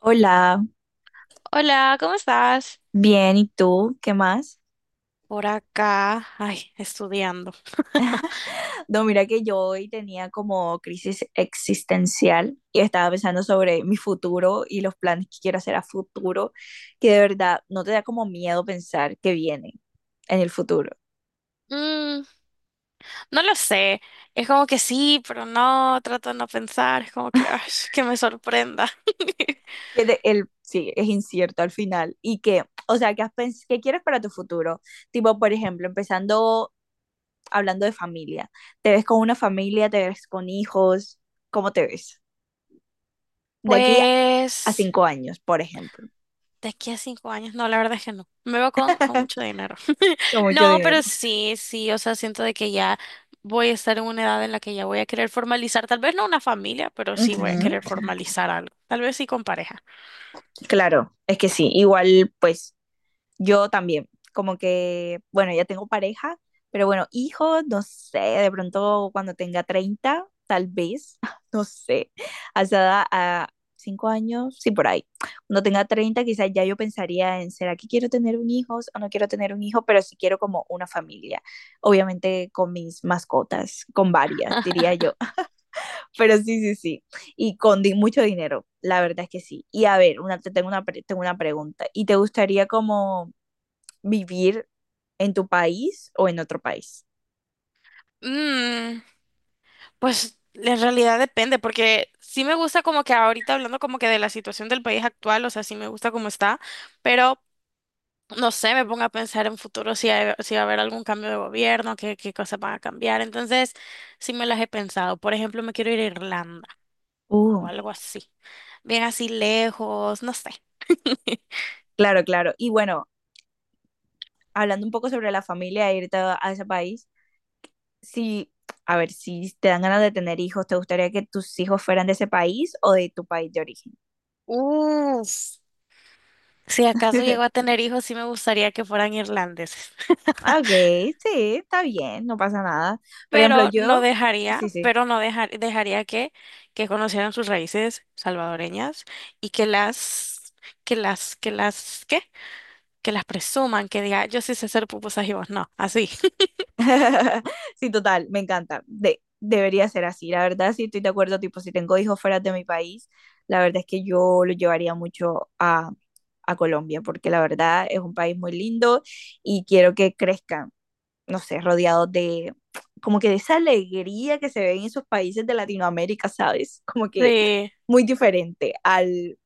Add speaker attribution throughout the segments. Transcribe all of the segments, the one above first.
Speaker 1: Hola,
Speaker 2: Hola, ¿cómo estás?
Speaker 1: bien, ¿y tú? ¿Qué más?
Speaker 2: Por acá, ay, estudiando.
Speaker 1: No, mira que yo hoy tenía como crisis existencial y estaba pensando sobre mi futuro y los planes que quiero hacer a futuro, que de verdad no te da como miedo pensar que viene en el futuro,
Speaker 2: Mm, no lo sé. Es como que sí, pero no, trato de no pensar. Es como que, ay, que me sorprenda.
Speaker 1: que sí, es incierto al final y que, o sea, que ¿qué quieres para tu futuro? Tipo, por ejemplo, empezando hablando de familia, ¿te ves con una familia, te ves con hijos? ¿Cómo te ves? De aquí a
Speaker 2: Pues.
Speaker 1: 5 años, por ejemplo.
Speaker 2: De aquí a 5 años, no, la verdad es que no. Me veo con mucho dinero.
Speaker 1: Con mucho
Speaker 2: No,
Speaker 1: dinero.
Speaker 2: pero sí, sí, o sea, siento de que ya voy a estar en una edad en la que ya voy a querer formalizar, tal vez no una familia, pero sí voy a
Speaker 1: Ujú.
Speaker 2: querer formalizar algo. Tal vez sí con pareja.
Speaker 1: Claro, es que sí, igual pues yo también, como que, bueno, ya tengo pareja, pero bueno, hijos, no sé, de pronto cuando tenga 30 tal vez, no sé, hasta a 5 años, sí, por ahí. Cuando tenga 30 quizás ya yo pensaría en, ¿será que quiero tener un hijo o no quiero tener un hijo? Pero sí quiero como una familia, obviamente con mis mascotas, con varias, diría yo. Pero sí, sí, sí. Y con mucho dinero, la verdad es que sí. Y a ver, una, te tengo una, pre- tengo una pregunta. ¿Y te gustaría como vivir en tu país o en otro país?
Speaker 2: Mm, Pues en realidad depende, porque sí me gusta como que ahorita hablando como que de la situación del país actual, o sea, sí me gusta cómo está, pero no sé, me pongo a pensar en futuro si, si va a haber algún cambio de gobierno, qué, qué cosas van a cambiar. Entonces, sí me las he pensado. Por ejemplo, me quiero ir a Irlanda
Speaker 1: Uh.
Speaker 2: o algo así. Bien así lejos, no sé.
Speaker 1: Claro, claro. Y bueno, hablando un poco sobre la familia, e irte a ese país, si, a ver, si te dan ganas de tener hijos, ¿te gustaría que tus hijos fueran de ese país o de tu país de origen?
Speaker 2: Uf. Si acaso llego a tener hijos, sí me gustaría que fueran irlandeses.
Speaker 1: Ah, ok, sí, está bien, no pasa nada. Por ejemplo,
Speaker 2: Pero no
Speaker 1: yo,
Speaker 2: dejaría,
Speaker 1: sí, sí.
Speaker 2: pero no dejar- dejaría que conocieran sus raíces salvadoreñas y que las, ¿qué? Que las presuman, que diga, yo sí sé hacer pupusas y vos no, así.
Speaker 1: Sí, total, me encanta. De, debería ser así. La verdad, sí estoy de acuerdo, tipo, si tengo hijos fuera de mi país, la verdad es que yo lo llevaría mucho a Colombia, porque la verdad es un país muy lindo y quiero que crezcan, no sé, rodeados de como que de esa alegría que se ve en esos países de Latinoamérica, ¿sabes? Como que
Speaker 2: Sí,
Speaker 1: muy diferente al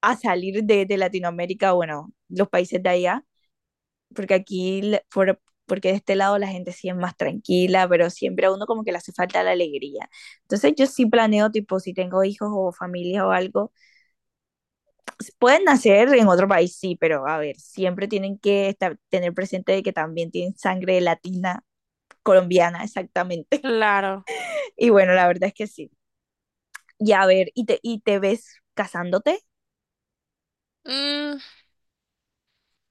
Speaker 1: a salir de Latinoamérica, bueno, los países de allá porque aquí, porque de este lado la gente sí es más tranquila, pero siempre a uno como que le hace falta la alegría. Entonces yo sí planeo, tipo, si tengo hijos o familia o algo, pueden nacer en otro país, sí, pero a ver, siempre tienen que tener presente de que también tienen sangre latina, colombiana, exactamente.
Speaker 2: claro.
Speaker 1: Y bueno, la verdad es que sí. Y a ver, ¿y te ves casándote?
Speaker 2: Mm,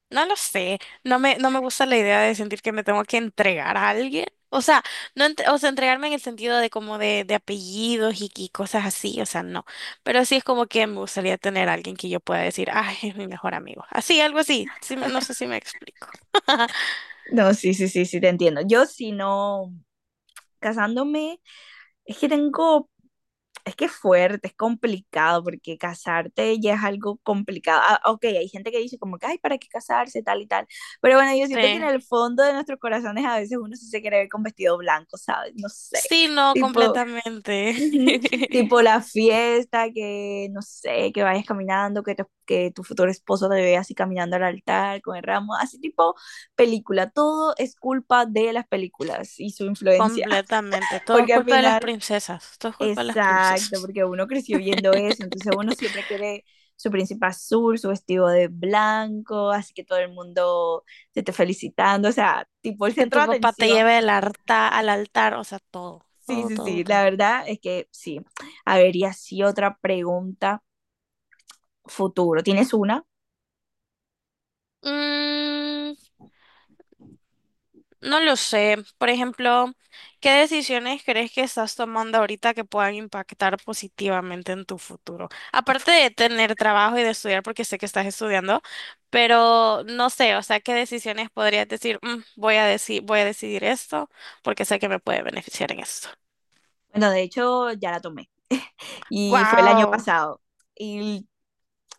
Speaker 2: no lo sé, no me gusta la idea de sentir que me tengo que entregar a alguien. O sea, no ent- o sea, entregarme en el sentido de como de apellidos y cosas así, o sea, no. Pero sí es como que me gustaría tener a alguien que yo pueda decir, ay, es mi mejor amigo. Así, algo así. No sé si me explico.
Speaker 1: No, sí, sí, sí, sí, te entiendo. Yo si no, casándome, es que tengo es que es fuerte, es complicado, porque casarte ya es algo complicado. Ah, ok, hay gente que dice como que, ay, ¿para qué casarse? Tal y tal. Pero bueno, yo siento que en
Speaker 2: Sí.
Speaker 1: el fondo de nuestros corazones a veces uno sí se quiere ver con vestido blanco, ¿sabes? No sé.
Speaker 2: Sí, no,
Speaker 1: Tipo,
Speaker 2: completamente.
Speaker 1: ujú, tipo la fiesta, que no sé, que vayas caminando, que tu futuro esposo te vea así caminando al altar con el ramo, así tipo película. Todo es culpa de las películas y su influencia,
Speaker 2: Completamente. Todo es
Speaker 1: porque al
Speaker 2: culpa de las
Speaker 1: final
Speaker 2: princesas. Todo es culpa de las
Speaker 1: exacto,
Speaker 2: princesas.
Speaker 1: porque uno creció viendo eso, entonces uno siempre quiere su príncipe azul, su vestido de blanco, así que todo el mundo te esté felicitando, o sea, tipo el
Speaker 2: Que
Speaker 1: centro
Speaker 2: tu
Speaker 1: de
Speaker 2: papá te
Speaker 1: atención.
Speaker 2: lleve al altar, o sea, todo,
Speaker 1: Sí,
Speaker 2: todo,
Speaker 1: sí,
Speaker 2: todo,
Speaker 1: sí, la
Speaker 2: todo.
Speaker 1: verdad es que sí. A ver, y así otra pregunta futuro. ¿Tienes una?
Speaker 2: Mm, no lo sé. Por ejemplo, ¿qué decisiones crees que estás tomando ahorita que puedan impactar positivamente en tu futuro? Aparte de tener trabajo y de estudiar, porque sé que estás estudiando, pero no sé, o sea, ¿qué decisiones podrías decir? "Mm, voy a decidir esto porque sé que me puede beneficiar en esto.
Speaker 1: Bueno, de hecho, ya la tomé y fue el año
Speaker 2: Wow.
Speaker 1: pasado. Y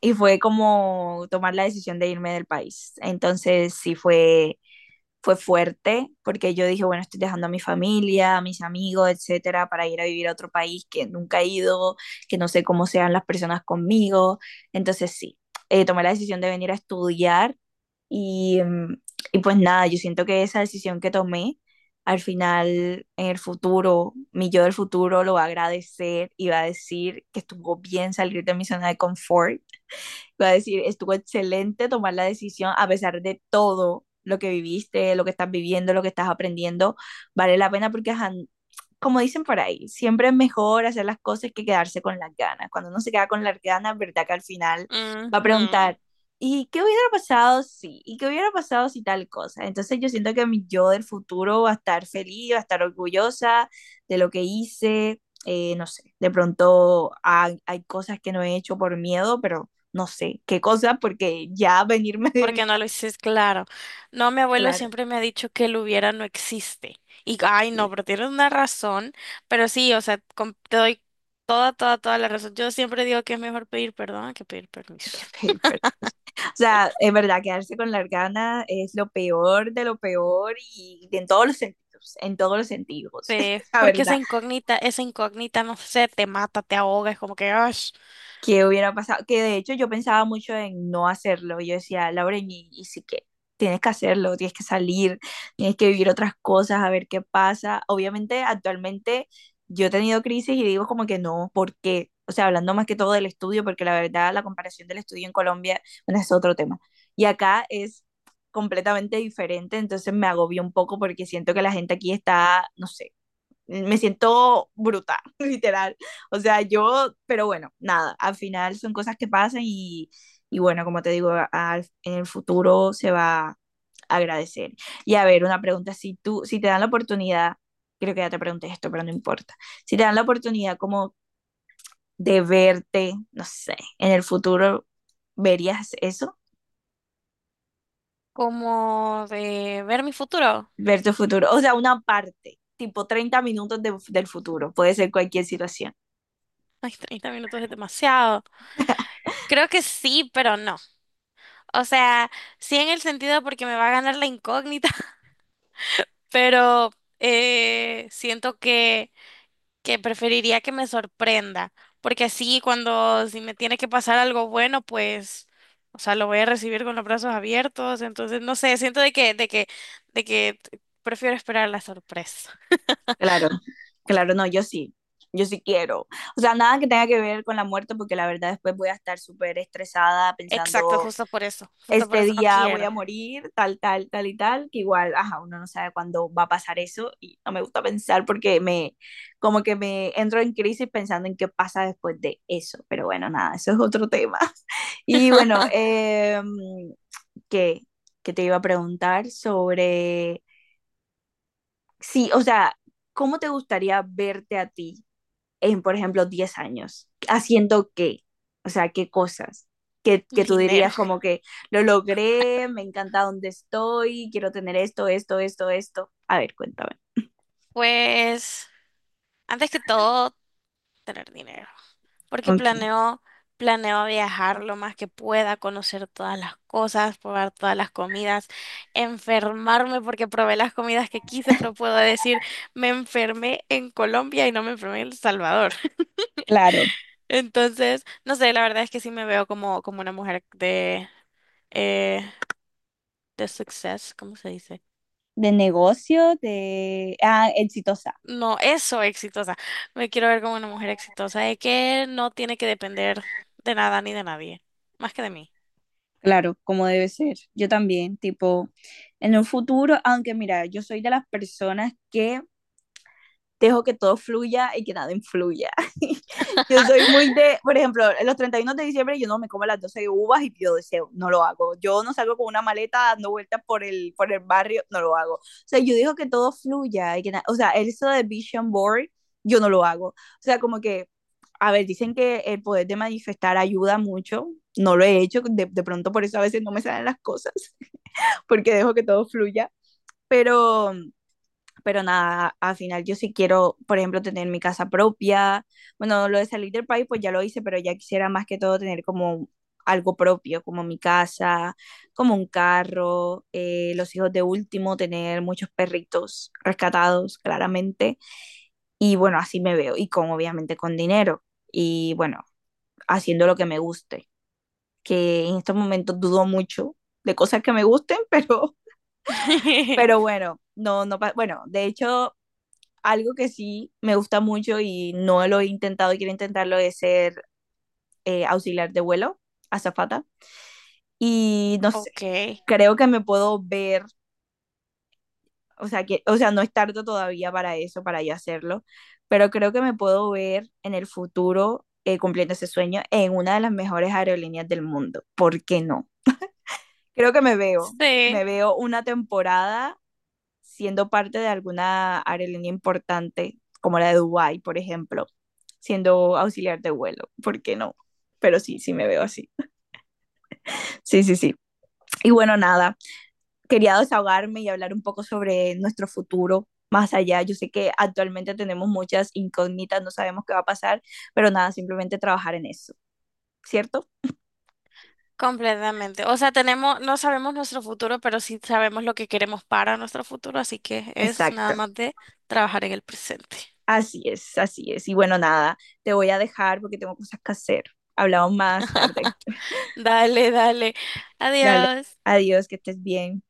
Speaker 1: y fue como tomar la decisión de irme del país. Entonces sí fue fuerte porque yo dije, bueno, estoy dejando a mi familia, a mis amigos, etcétera, para ir a vivir a otro país que nunca he ido, que no sé cómo sean las personas conmigo. Entonces sí, tomé la decisión de venir a estudiar y, y pues nada, yo siento que esa decisión que tomé al final en el futuro, mi yo del futuro lo va a agradecer y va a decir que estuvo bien salir de mi zona de confort. Voy a decir, estuvo excelente tomar la decisión a pesar de todo lo que viviste, lo que estás viviendo, lo que estás aprendiendo. Vale la pena porque, ajá, como dicen por ahí, siempre es mejor hacer las cosas que quedarse con las ganas. Cuando uno se queda con las ganas, verdad que al final va a preguntar, ¿y qué hubiera pasado si? ¿Y qué hubiera pasado si tal cosa? Entonces yo siento que mi yo del futuro va a estar feliz, va a estar orgullosa de lo que hice. No sé, de pronto hay cosas que no he hecho por miedo, pero no sé qué cosa, porque ya venirme
Speaker 2: Porque
Speaker 1: de...
Speaker 2: no lo dices claro. No, mi abuelo
Speaker 1: Claro,
Speaker 2: siempre me ha dicho que el hubiera no existe. Y, ay, no, pero tienes una razón. Pero sí, o sea, te doy toda, toda, toda la razón. Yo siempre digo que es mejor pedir perdón que pedir
Speaker 1: qué
Speaker 2: permiso.
Speaker 1: paper. O sea, es verdad, quedarse con las ganas es lo peor de lo peor y en todos los sentidos, en todos los sentidos,
Speaker 2: Sí,
Speaker 1: la
Speaker 2: porque
Speaker 1: verdad.
Speaker 2: esa incógnita, no sé, te mata, te ahoga, es como que, ay,
Speaker 1: ¿Qué hubiera pasado? Que de hecho yo pensaba mucho en no hacerlo. Yo decía, Lauren, y sí que tienes que hacerlo, tienes que salir, tienes que vivir otras cosas, a ver qué pasa. Obviamente, actualmente yo he tenido crisis y digo como que no, ¿por qué? O sea, hablando más que todo del estudio, porque la verdad la comparación del estudio en Colombia, bueno, es otro tema. Y acá es completamente diferente, entonces me agobió un poco porque siento que la gente aquí está, no sé me siento brutal literal. O sea, yo, pero bueno, nada, al final son cosas que pasan y bueno, como te digo, en el futuro se va a agradecer. Y a ver, una pregunta, si tú, si te dan la oportunidad, creo que ya te pregunté esto, pero no importa, si te dan la oportunidad como de verte, no sé, en el futuro, ¿verías eso?
Speaker 2: como de ver mi futuro.
Speaker 1: Ver tu futuro, o sea, una parte, tipo 30 minutos del futuro, puede ser cualquier situación.
Speaker 2: Ay, 30 minutos es demasiado. Creo que sí, pero no. O sea, sí en el sentido porque me va a ganar la incógnita. Pero siento que preferiría que me sorprenda, porque así cuando si me tiene que pasar algo bueno, pues, o sea, lo voy a recibir con los brazos abiertos, entonces no sé, siento de que prefiero esperar la sorpresa.
Speaker 1: Claro, claro, no, yo sí, yo sí quiero. O sea, nada que tenga que ver con la muerte, porque la verdad después voy a estar súper estresada
Speaker 2: Exacto,
Speaker 1: pensando,
Speaker 2: justo por
Speaker 1: este
Speaker 2: eso no
Speaker 1: día voy a
Speaker 2: quiero
Speaker 1: morir, tal, tal, tal y tal, que igual, ajá, uno no sabe cuándo va a pasar eso y no me gusta pensar porque me, como que me entro en crisis pensando en qué pasa después de eso. Pero bueno, nada, eso es otro tema. Y bueno, ¿qué? ¿Qué te iba a preguntar sobre, sí, o sea, ¿cómo te gustaría verte a ti en, por ejemplo, 10 años? ¿Haciendo qué? O sea, ¿qué cosas? Que tú
Speaker 2: dinero.
Speaker 1: dirías como que lo logré, me encanta donde estoy, quiero tener esto, esto, esto, esto. A ver, cuéntame.
Speaker 2: Pues, antes que todo, tener dinero. Porque
Speaker 1: Ok,
Speaker 2: planeo, planeo viajar lo más que pueda, conocer todas las cosas, probar todas las comidas, enfermarme porque probé las comidas que quise, pero puedo decir, me enfermé en Colombia y no me enfermé en El Salvador.
Speaker 1: claro.
Speaker 2: Entonces, no sé, la verdad es que sí me veo como, como una mujer eh, de success, ¿cómo se dice?
Speaker 1: De negocio, de... Ah, exitosa.
Speaker 2: No, eso, exitosa. Me quiero ver como una mujer exitosa, de que no tiene que depender de nada ni de nadie, más que de mí.
Speaker 1: Claro, como debe ser. Yo también, tipo, en un futuro, aunque mira, yo soy de las personas que dejo que todo fluya y que nada influya. yo soy muy de, por ejemplo, los 31 de diciembre yo no me como las 12 uvas y pido deseo, no lo hago. Yo no salgo con una maleta dando vueltas por el barrio, no lo hago. O sea, yo digo que todo fluya y que nada, o sea, eso de vision board, yo no lo hago. O sea, como que, a ver, dicen que el poder de manifestar ayuda mucho, no lo he hecho, de pronto por eso a veces no me salen las cosas, porque dejo que todo fluya, pero pero nada, al final yo sí quiero, por ejemplo, tener mi casa propia. Bueno, lo de salir del país, pues ya lo hice, pero ya quisiera más que todo tener como algo propio, como mi casa, como un carro, los hijos de último, tener muchos perritos rescatados, claramente. Y bueno, así me veo, y con obviamente con dinero, y bueno, haciendo lo que me guste, que en estos momentos dudo mucho de cosas que me gusten, pero bueno, no, no, pa- bueno, de hecho algo que sí me gusta mucho y no lo he intentado y quiero intentarlo es ser auxiliar de vuelo, azafata. Y no sé,
Speaker 2: Ok.
Speaker 1: creo que me puedo ver, o sea, que, o sea, no es tarde todavía para eso, para yo hacerlo, pero creo que me puedo ver en el futuro cumpliendo ese sueño en una de las mejores aerolíneas del mundo. ¿Por qué no? Creo que me
Speaker 2: Sí,
Speaker 1: veo una temporada siendo parte de alguna aerolínea importante, como la de Dubái, por ejemplo, siendo auxiliar de vuelo, ¿por qué no? Pero sí, sí me veo así. Sí, sí, sí. Y bueno, nada, quería desahogarme y hablar un poco sobre nuestro futuro más allá. Yo sé que actualmente tenemos muchas incógnitas, no sabemos qué va a pasar, pero nada, simplemente trabajar en eso, ¿cierto?
Speaker 2: completamente. O sea, tenemos, no sabemos nuestro futuro, pero sí sabemos lo que queremos para nuestro futuro, así que es nada
Speaker 1: Exacto.
Speaker 2: más de trabajar en el presente.
Speaker 1: Así es, así es. Y bueno, nada, te voy a dejar porque tengo cosas que hacer. Hablamos más tarde.
Speaker 2: Dale, dale.
Speaker 1: Dale,
Speaker 2: Adiós.
Speaker 1: adiós, que estés bien.